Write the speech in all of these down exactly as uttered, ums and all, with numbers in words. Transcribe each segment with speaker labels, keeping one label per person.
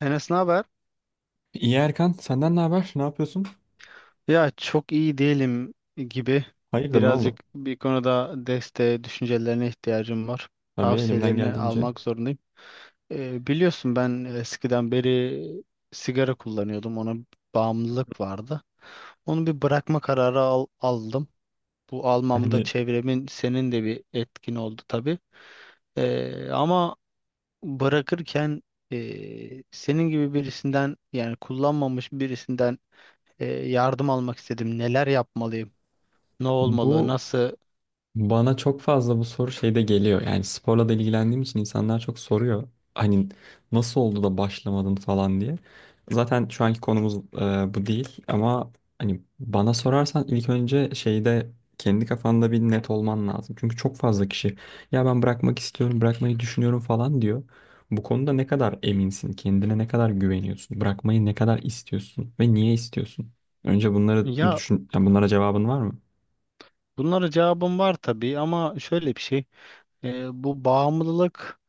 Speaker 1: Enes ne haber?
Speaker 2: İyi Erkan, senden ne haber? Ne yapıyorsun?
Speaker 1: Ya çok iyi değilim gibi.
Speaker 2: Hayırdır, ne oldu?
Speaker 1: Birazcık bir konuda desteğe, düşüncelerine ihtiyacım var.
Speaker 2: Tabii elimden
Speaker 1: Tavsiyelerini
Speaker 2: geldiğince.
Speaker 1: almak zorundayım. Ee, biliyorsun ben eskiden beri sigara kullanıyordum. Ona bağımlılık vardı. Onu bir bırakma kararı al- aldım. Bu almamda
Speaker 2: Yani
Speaker 1: çevremin senin de bir etkin oldu tabii. Ee, ama bırakırken e, senin gibi birisinden yani kullanmamış birisinden e, yardım almak istedim. Neler yapmalıyım? Ne olmalı?
Speaker 2: bu
Speaker 1: Nasıl?
Speaker 2: bana çok fazla bu soru şeyde geliyor. Yani sporla da ilgilendiğim için insanlar çok soruyor. Hani nasıl oldu da başlamadın falan diye. Zaten şu anki konumuz e, bu değil ama hani bana sorarsan ilk önce şeyde kendi kafanda bir net olman lazım. Çünkü çok fazla kişi ya ben bırakmak istiyorum, bırakmayı düşünüyorum falan diyor. Bu konuda ne kadar eminsin, kendine ne kadar güveniyorsun, bırakmayı ne kadar istiyorsun ve niye istiyorsun? Önce bunları
Speaker 1: Ya
Speaker 2: düşün, yani bunlara cevabın var mı?
Speaker 1: bunlara cevabım var tabii ama şöyle bir şey. E, bu bağımlılık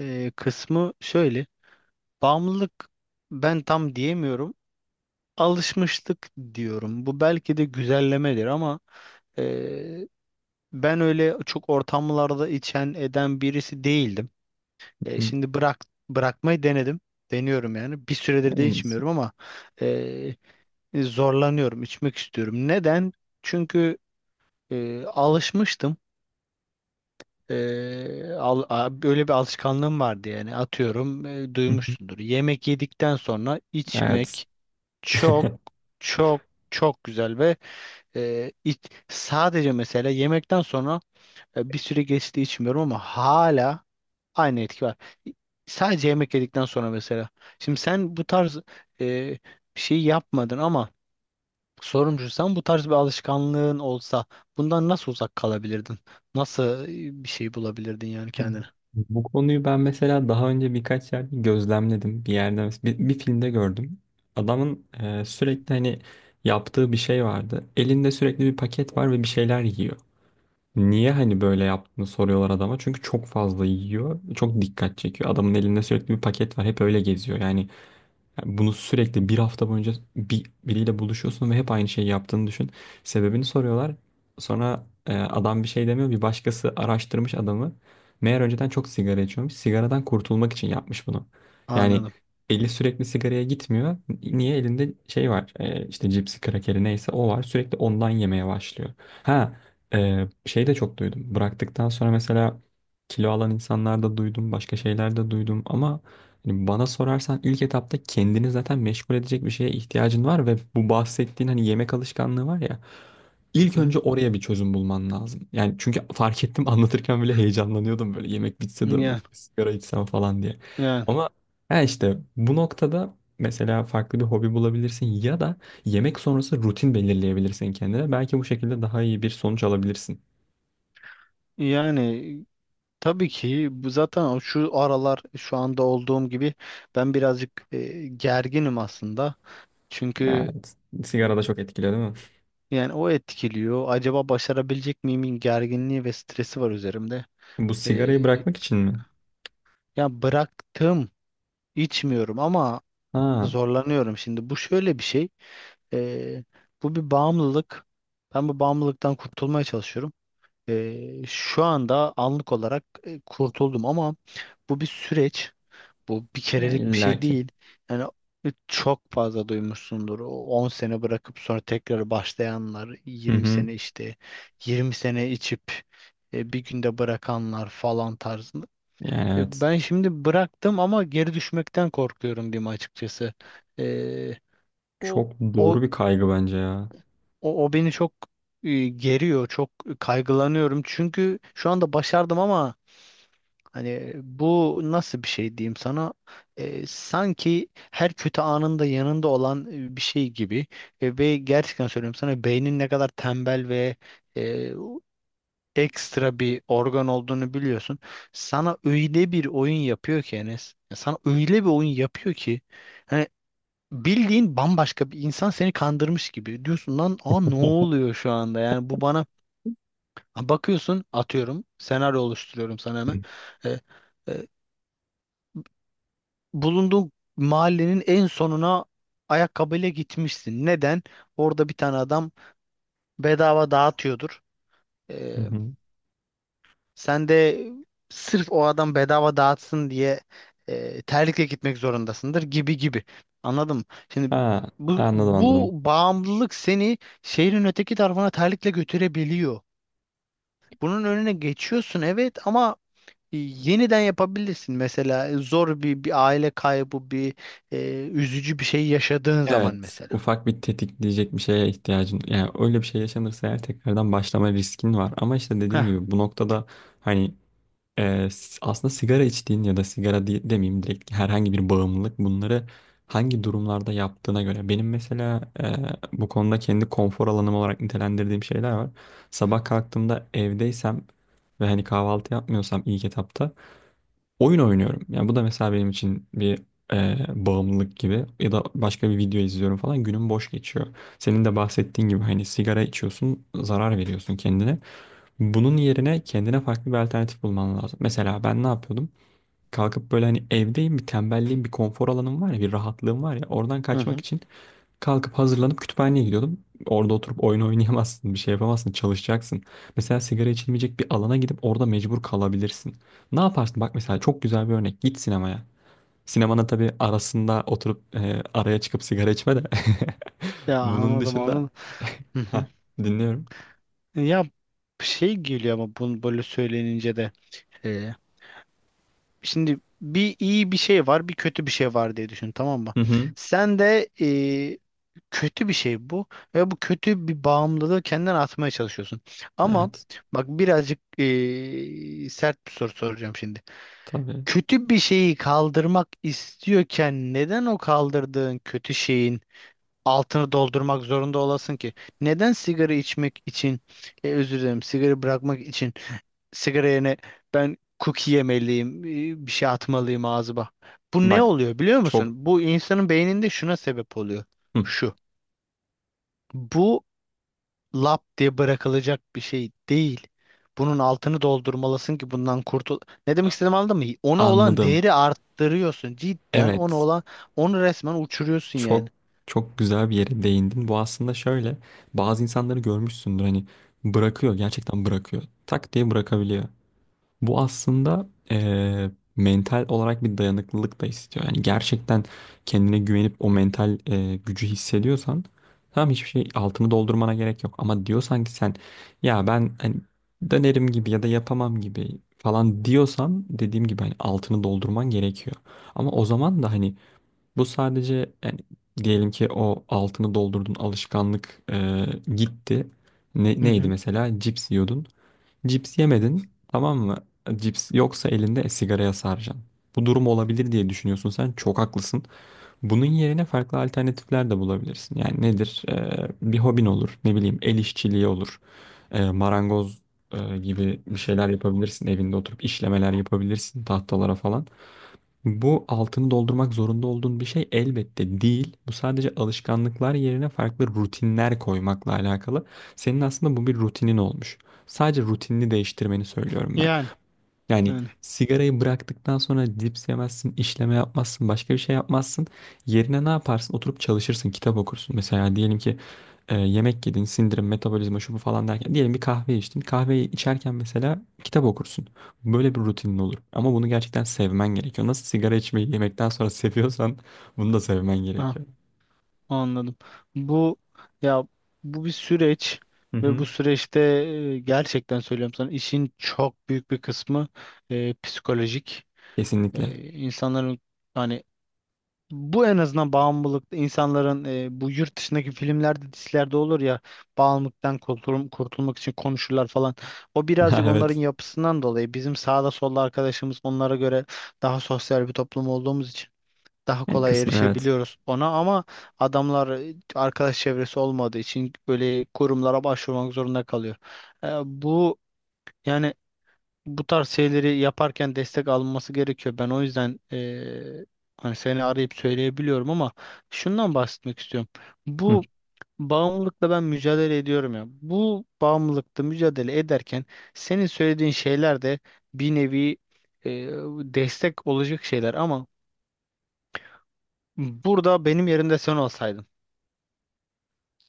Speaker 1: e, kısmı şöyle. Bağımlılık ben tam diyemiyorum. Alışmışlık diyorum. Bu belki de güzellemedir ama e, ben öyle çok ortamlarda içen eden birisi değildim. E,
Speaker 2: Hı,
Speaker 1: şimdi bırak bırakmayı denedim. Deniyorum yani. Bir süredir de
Speaker 2: en iyisi.
Speaker 1: içmiyorum ama e, e, zorlanıyorum, içmek istiyorum. Neden? Çünkü e, alışmıştım. E, al- a- böyle bir alışkanlığım vardı yani atıyorum, e,
Speaker 2: Hı hı.
Speaker 1: duymuşsundur. Yemek yedikten sonra
Speaker 2: Evet.
Speaker 1: içmek çok çok çok güzel ve e, iç- sadece mesela yemekten sonra, e, bir süre geçti, içmiyorum ama hala aynı etki var. Sadece yemek yedikten sonra mesela. Şimdi sen bu tarz e, bir şey yapmadın ama Sorumcu sen bu tarz bir alışkanlığın olsa bundan nasıl uzak kalabilirdin? Nasıl e, bir şey bulabilirdin yani kendine?
Speaker 2: Bu konuyu ben mesela daha önce birkaç yerde gözlemledim. Bir yerde bir, bir filmde gördüm. Adamın e, sürekli hani yaptığı bir şey vardı. Elinde sürekli bir paket var ve bir şeyler yiyor. Niye hani böyle yaptığını soruyorlar adama. Çünkü çok fazla yiyor. Çok dikkat çekiyor. Adamın elinde sürekli bir paket var. Hep öyle geziyor. Yani yani bunu sürekli bir hafta boyunca bir, biriyle buluşuyorsun ve hep aynı şeyi yaptığını düşün. Sebebini soruyorlar. Sonra e, adam bir şey demiyor. Bir başkası araştırmış adamı. Meğer önceden çok sigara içiyormuş. Sigaradan kurtulmak için yapmış bunu. Yani
Speaker 1: Anladım.
Speaker 2: eli sürekli sigaraya gitmiyor. Niye? Elinde şey var. E, işte cipsi, krakeri neyse o var. Sürekli ondan yemeye başlıyor. Ha e, şey de çok duydum. Bıraktıktan sonra mesela kilo alan insanlarda duydum. Başka şeyler de duydum. Ama yani bana sorarsan ilk etapta kendini zaten meşgul edecek bir şeye ihtiyacın var ve bu bahsettiğin hani yemek alışkanlığı var ya
Speaker 1: Hı
Speaker 2: ilk
Speaker 1: hı.
Speaker 2: önce oraya bir çözüm bulman lazım. Yani çünkü fark ettim anlatırken bile heyecanlanıyordum böyle yemek bitse de
Speaker 1: Yani,
Speaker 2: of, bir sigara içsem falan diye.
Speaker 1: yani,
Speaker 2: Ama ha işte bu noktada mesela farklı bir hobi bulabilirsin ya da yemek sonrası rutin belirleyebilirsin kendine. Belki bu şekilde daha iyi bir sonuç alabilirsin.
Speaker 1: yani tabii ki bu zaten o şu aralar şu anda olduğum gibi ben birazcık e, gerginim aslında. Çünkü
Speaker 2: Evet. Sigara da çok etkiliyor değil mi?
Speaker 1: yani o etkiliyor. Acaba başarabilecek miyimin gerginliği ve stresi var üzerimde.
Speaker 2: Bu sigarayı
Speaker 1: E,
Speaker 2: bırakmak için mi?
Speaker 1: ya bıraktım, içmiyorum ama
Speaker 2: Ha,
Speaker 1: zorlanıyorum. Şimdi bu şöyle bir şey. Ee, bu bir bağımlılık. Ben bu bağımlılıktan kurtulmaya çalışıyorum. Ee, şu anda anlık olarak e, kurtuldum ama bu bir süreç. Bu bir
Speaker 2: yani
Speaker 1: kerelik bir şey
Speaker 2: illaki.
Speaker 1: değil. Yani e, çok fazla duymuşsundur. O on sene bırakıp sonra tekrar başlayanlar,
Speaker 2: Hı
Speaker 1: yirmi
Speaker 2: hı.
Speaker 1: sene işte, yirmi sene içip e, bir günde bırakanlar falan tarzında.
Speaker 2: Yani
Speaker 1: E,
Speaker 2: evet.
Speaker 1: ben şimdi bıraktım ama geri düşmekten korkuyorum diyeyim açıkçası. Ee, o
Speaker 2: Çok
Speaker 1: o
Speaker 2: doğru bir kaygı bence ya.
Speaker 1: O, o beni çok e, geriyor, çok kaygılanıyorum. Çünkü şu anda başardım ama hani bu nasıl bir şey diyeyim sana? E, sanki her kötü anında yanında olan e, bir şey gibi. E, ve gerçekten söylüyorum sana, beynin ne kadar tembel ve e, ekstra bir organ olduğunu biliyorsun. Sana öyle bir oyun yapıyor ki Enes. Sana öyle bir oyun yapıyor ki. Hani bildiğin bambaşka bir insan seni kandırmış gibi. Diyorsun lan, aa, ne oluyor şu anda? Yani bu bana. Ha, bakıyorsun atıyorum, senaryo oluşturuyorum sana
Speaker 2: Hı.
Speaker 1: hemen. Ee, e, bulunduğun mahallenin en sonuna ayakkabıyla gitmişsin. Neden? Orada bir tane adam bedava dağıtıyordur. E,
Speaker 2: Hı hı.
Speaker 1: Sen de sırf o adam bedava dağıtsın diye e, terlikle gitmek zorundasındır gibi gibi. Anladım. Şimdi
Speaker 2: Ha,
Speaker 1: bu,
Speaker 2: anladım
Speaker 1: bu
Speaker 2: anladım.
Speaker 1: bağımlılık seni şehrin öteki tarafına terlikle götürebiliyor. Bunun önüne geçiyorsun, evet, ama e, yeniden yapabilirsin. Mesela e, zor bir, bir aile kaybı, bir e, üzücü bir şey yaşadığın zaman
Speaker 2: Evet.
Speaker 1: mesela.
Speaker 2: Ufak bir tetikleyecek bir şeye ihtiyacın. Yani öyle bir şey yaşanırsa eğer tekrardan başlama riskin var. Ama işte dediğim
Speaker 1: Heh.
Speaker 2: gibi bu noktada hani Ee, s- aslında sigara içtiğin ya da sigara diye, demeyeyim direkt herhangi bir bağımlılık bunları hangi durumlarda yaptığına göre. Benim mesela e, bu konuda kendi konfor alanım olarak nitelendirdiğim şeyler var. Sabah kalktığımda evdeysem ve hani kahvaltı yapmıyorsam ilk etapta oyun oynuyorum. Yani bu da mesela benim için bir e, bağımlılık gibi ya da başka bir video izliyorum falan günüm boş geçiyor. Senin de bahsettiğin gibi hani sigara içiyorsun zarar veriyorsun kendine. Bunun yerine kendine farklı bir alternatif bulman lazım. Mesela ben ne yapıyordum? Kalkıp böyle hani evdeyim bir tembelliğim bir konfor alanım var ya bir rahatlığım var ya oradan
Speaker 1: Hı
Speaker 2: kaçmak
Speaker 1: hı.
Speaker 2: için kalkıp hazırlanıp kütüphaneye gidiyordum. Orada oturup oyun oynayamazsın bir şey yapamazsın çalışacaksın. Mesela sigara içilmeyecek bir alana gidip orada mecbur kalabilirsin. Ne yaparsın? Bak mesela çok güzel bir örnek git sinemaya. Sinemanın tabii arasında oturup e, araya çıkıp sigara içme de.
Speaker 1: Ya
Speaker 2: Bunun
Speaker 1: anladım
Speaker 2: dışında
Speaker 1: anladım. Hı hı.
Speaker 2: ha dinliyorum.
Speaker 1: Ya şey geliyor ama bunu böyle söylenince de. E, Şimdi bir iyi bir şey var, bir kötü bir şey var diye düşün, tamam mı?
Speaker 2: Hı hı.
Speaker 1: Sen de e, kötü bir şey bu ve bu kötü bir bağımlılığı kendine atmaya çalışıyorsun. Ama
Speaker 2: Evet
Speaker 1: bak, birazcık e, sert bir soru soracağım şimdi.
Speaker 2: tabii.
Speaker 1: Kötü bir şeyi kaldırmak istiyorken neden o kaldırdığın kötü şeyin altını doldurmak zorunda olasın ki? Neden sigara içmek için, e, özür dilerim, sigara bırakmak için sigara yerine ben cookie yemeliyim, e, bir şey atmalıyım ağzıma? Bu ne
Speaker 2: Bak
Speaker 1: oluyor biliyor
Speaker 2: çok
Speaker 1: musun? Bu insanın beyninde şuna sebep oluyor.
Speaker 2: Hı,
Speaker 1: Şu. Bu lap diye bırakılacak bir şey değil. Bunun altını doldurmalısın ki bundan kurtul. Ne demek istediğimi anladın mı? Ona olan
Speaker 2: anladım.
Speaker 1: değeri arttırıyorsun. Cidden ona
Speaker 2: Evet.
Speaker 1: olan onu resmen uçuruyorsun yani.
Speaker 2: Çok çok güzel bir yere değindin. Bu aslında şöyle. Bazı insanları görmüşsündür hani bırakıyor. Gerçekten bırakıyor. Tak diye bırakabiliyor. Bu aslında eee, mental olarak bir dayanıklılık da istiyor. Yani gerçekten kendine güvenip o mental eee, gücü hissediyorsan tamam hiçbir şey altını doldurmana gerek yok. Ama diyorsan ki sen ya ben hani dönerim gibi ya da yapamam gibi falan diyorsan dediğim gibi hani altını doldurman gerekiyor. Ama o zaman da hani bu sadece yani diyelim ki o altını doldurdun alışkanlık eee, gitti. Ne,
Speaker 1: Hı
Speaker 2: neydi
Speaker 1: hı.
Speaker 2: mesela? Cips yiyordun. Cips yemedin tamam mı? Cips yoksa elinde sigaraya saracaksın. Bu durum olabilir diye düşünüyorsun sen. Çok haklısın. Bunun yerine farklı alternatifler de bulabilirsin. Yani nedir? Ee, bir hobin olur. Ne bileyim el işçiliği olur. Ee, marangoz e, gibi bir şeyler yapabilirsin. Evinde oturup işlemeler yapabilirsin tahtalara falan. Bu altını doldurmak zorunda olduğun bir şey elbette değil. Bu sadece alışkanlıklar yerine farklı rutinler koymakla alakalı. Senin aslında bu bir rutinin olmuş. Sadece rutinini değiştirmeni söylüyorum ben.
Speaker 1: Yani.
Speaker 2: Yani
Speaker 1: Yani.
Speaker 2: sigarayı bıraktıktan sonra cips yemezsin, işleme yapmazsın, başka bir şey yapmazsın. Yerine ne yaparsın? Oturup çalışırsın, kitap okursun. Mesela diyelim ki e, yemek yedin, sindirim, metabolizma, şu bu falan derken. Diyelim bir kahve içtin. Kahveyi içerken mesela kitap okursun. Böyle bir rutinin olur. Ama bunu gerçekten sevmen gerekiyor. Nasıl sigara içmeyi yemekten sonra seviyorsan bunu da sevmen gerekiyor.
Speaker 1: Anladım. Bu ya bu bir süreç
Speaker 2: Hı
Speaker 1: ve
Speaker 2: hı.
Speaker 1: bu süreçte e, gerçekten söylüyorum sana, işin çok büyük bir kısmı e, psikolojik.
Speaker 2: Kesinlikle.
Speaker 1: E, insanların, hani, bu, en azından bağımlılıkta, insanların, e, bu yurt dışındaki filmlerde dizilerde olur ya, bağımlılıktan kurtul- kurtulmak için konuşurlar falan. O birazcık
Speaker 2: Ha,
Speaker 1: onların
Speaker 2: evet.
Speaker 1: yapısından dolayı, bizim sağda solda arkadaşımız onlara göre daha sosyal bir toplum olduğumuz için daha
Speaker 2: Yani
Speaker 1: kolay
Speaker 2: kısmen evet.
Speaker 1: erişebiliyoruz ona, ama adamlar e, arkadaş çevresi olmadığı için böyle kurumlara başvurmak zorunda kalıyor. E, bu yani bu tarz şeyleri yaparken destek alınması gerekiyor. Ben o yüzden, e, hani, seni arayıp söyleyebiliyorum ama şundan bahsetmek istiyorum.
Speaker 2: Hı.
Speaker 1: Bu bağımlılıkla ben mücadele ediyorum ya. Bu bağımlılıkla mücadele ederken senin söylediğin şeyler de bir nevi e, destek olacak şeyler, ama Burada benim yerimde sen olsaydın,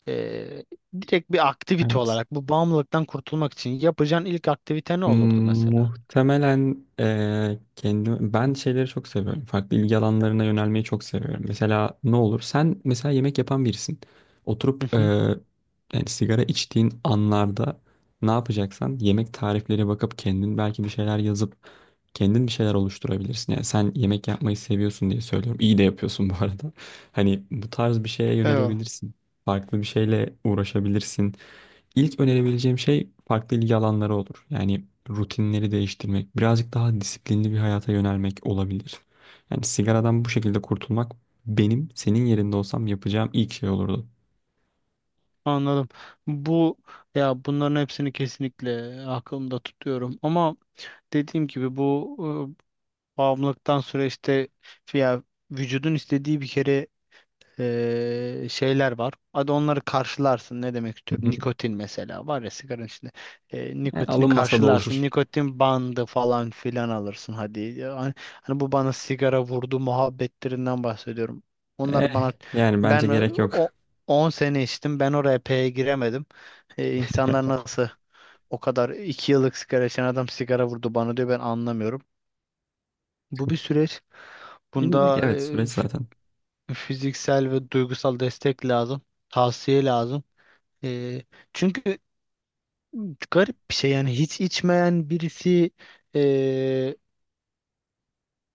Speaker 1: Ee, direkt bir aktivite
Speaker 2: Evet.
Speaker 1: olarak bu bağımlılıktan kurtulmak için yapacağın ilk aktivite ne
Speaker 2: Hmm,
Speaker 1: olurdu mesela?
Speaker 2: muhtemelen eee kendim ben şeyleri çok seviyorum. Farklı ilgi alanlarına yönelmeyi çok seviyorum. Mesela ne olur? Sen mesela yemek yapan birisin. Oturup
Speaker 1: Hı
Speaker 2: eee,
Speaker 1: hı.
Speaker 2: yani sigara içtiğin anlarda ne yapacaksan yemek tarifleri bakıp kendin belki bir şeyler yazıp kendin bir şeyler oluşturabilirsin. Yani sen yemek yapmayı seviyorsun diye söylüyorum. İyi de yapıyorsun bu arada. Hani bu tarz bir şeye
Speaker 1: Eyvallah.
Speaker 2: yönelebilirsin. Farklı bir şeyle uğraşabilirsin. İlk önerebileceğim şey farklı ilgi alanları olur. Yani rutinleri değiştirmek, birazcık daha disiplinli bir hayata yönelmek olabilir. Yani sigaradan bu şekilde kurtulmak benim senin yerinde olsam yapacağım ilk şey olurdu.
Speaker 1: Anladım. Bu ya bunların hepsini kesinlikle aklımda tutuyorum ama dediğim gibi bu e, bağımlılıktan süreçte, ya, vücudun istediği bir kere, eee, şeyler var. Hadi onları karşılarsın. Ne demek
Speaker 2: Hı
Speaker 1: istiyorum?
Speaker 2: hı.
Speaker 1: Nikotin mesela var ya sigaranın içinde. Eee,
Speaker 2: E,
Speaker 1: nikotini
Speaker 2: alınmasa da
Speaker 1: karşılarsın.
Speaker 2: olur.
Speaker 1: Nikotin bandı falan filan alırsın hadi. Yani, hani, bu bana sigara vurdu muhabbetlerinden bahsediyorum.
Speaker 2: Eh,
Speaker 1: Onlar bana
Speaker 2: yani bence
Speaker 1: ben e,
Speaker 2: gerek
Speaker 1: o
Speaker 2: yok.
Speaker 1: on sene içtim. Ben oraya P'ye giremedim. E, insanlar nasıl o kadar iki yıllık sigara içen adam sigara vurdu bana diyor, ben anlamıyorum. Bu bir süreç.
Speaker 2: İlla ki
Speaker 1: Bunda
Speaker 2: evet süreç zaten.
Speaker 1: fiziksel ve duygusal destek lazım. Tavsiye lazım. Ee, çünkü garip bir şey, yani hiç içmeyen birisi ee,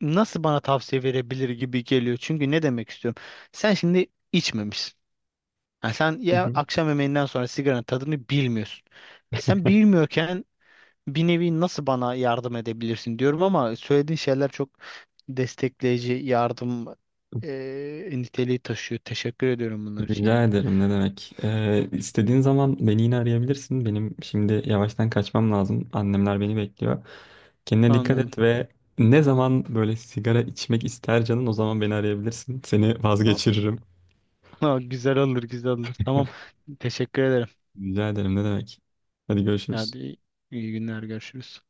Speaker 1: nasıl bana tavsiye verebilir gibi geliyor. Çünkü ne demek istiyorum? Sen şimdi içmemişsin. Yani sen
Speaker 2: Hı
Speaker 1: ya
Speaker 2: hı.
Speaker 1: akşam yemeğinden sonra sigaranın tadını bilmiyorsun. E, Sen bilmiyorken bir nevi nasıl bana yardım edebilirsin diyorum, ama söylediğin şeyler çok destekleyici, yardım ee, niteliği taşıyor. Teşekkür ediyorum bunlar için yani.
Speaker 2: Rica ederim ne demek. Ee, istediğin zaman beni yine arayabilirsin. Benim şimdi yavaştan kaçmam lazım. Annemler beni bekliyor. Kendine dikkat
Speaker 1: Anladım.
Speaker 2: et ve ne zaman böyle sigara içmek ister canın o zaman beni arayabilirsin. Seni vazgeçiririm.
Speaker 1: Ha, güzel olur güzel olur. Tamam. Teşekkür ederim.
Speaker 2: Rica ederim ne demek. Hadi görüşürüz.
Speaker 1: Hadi, iyi iyi günler, görüşürüz.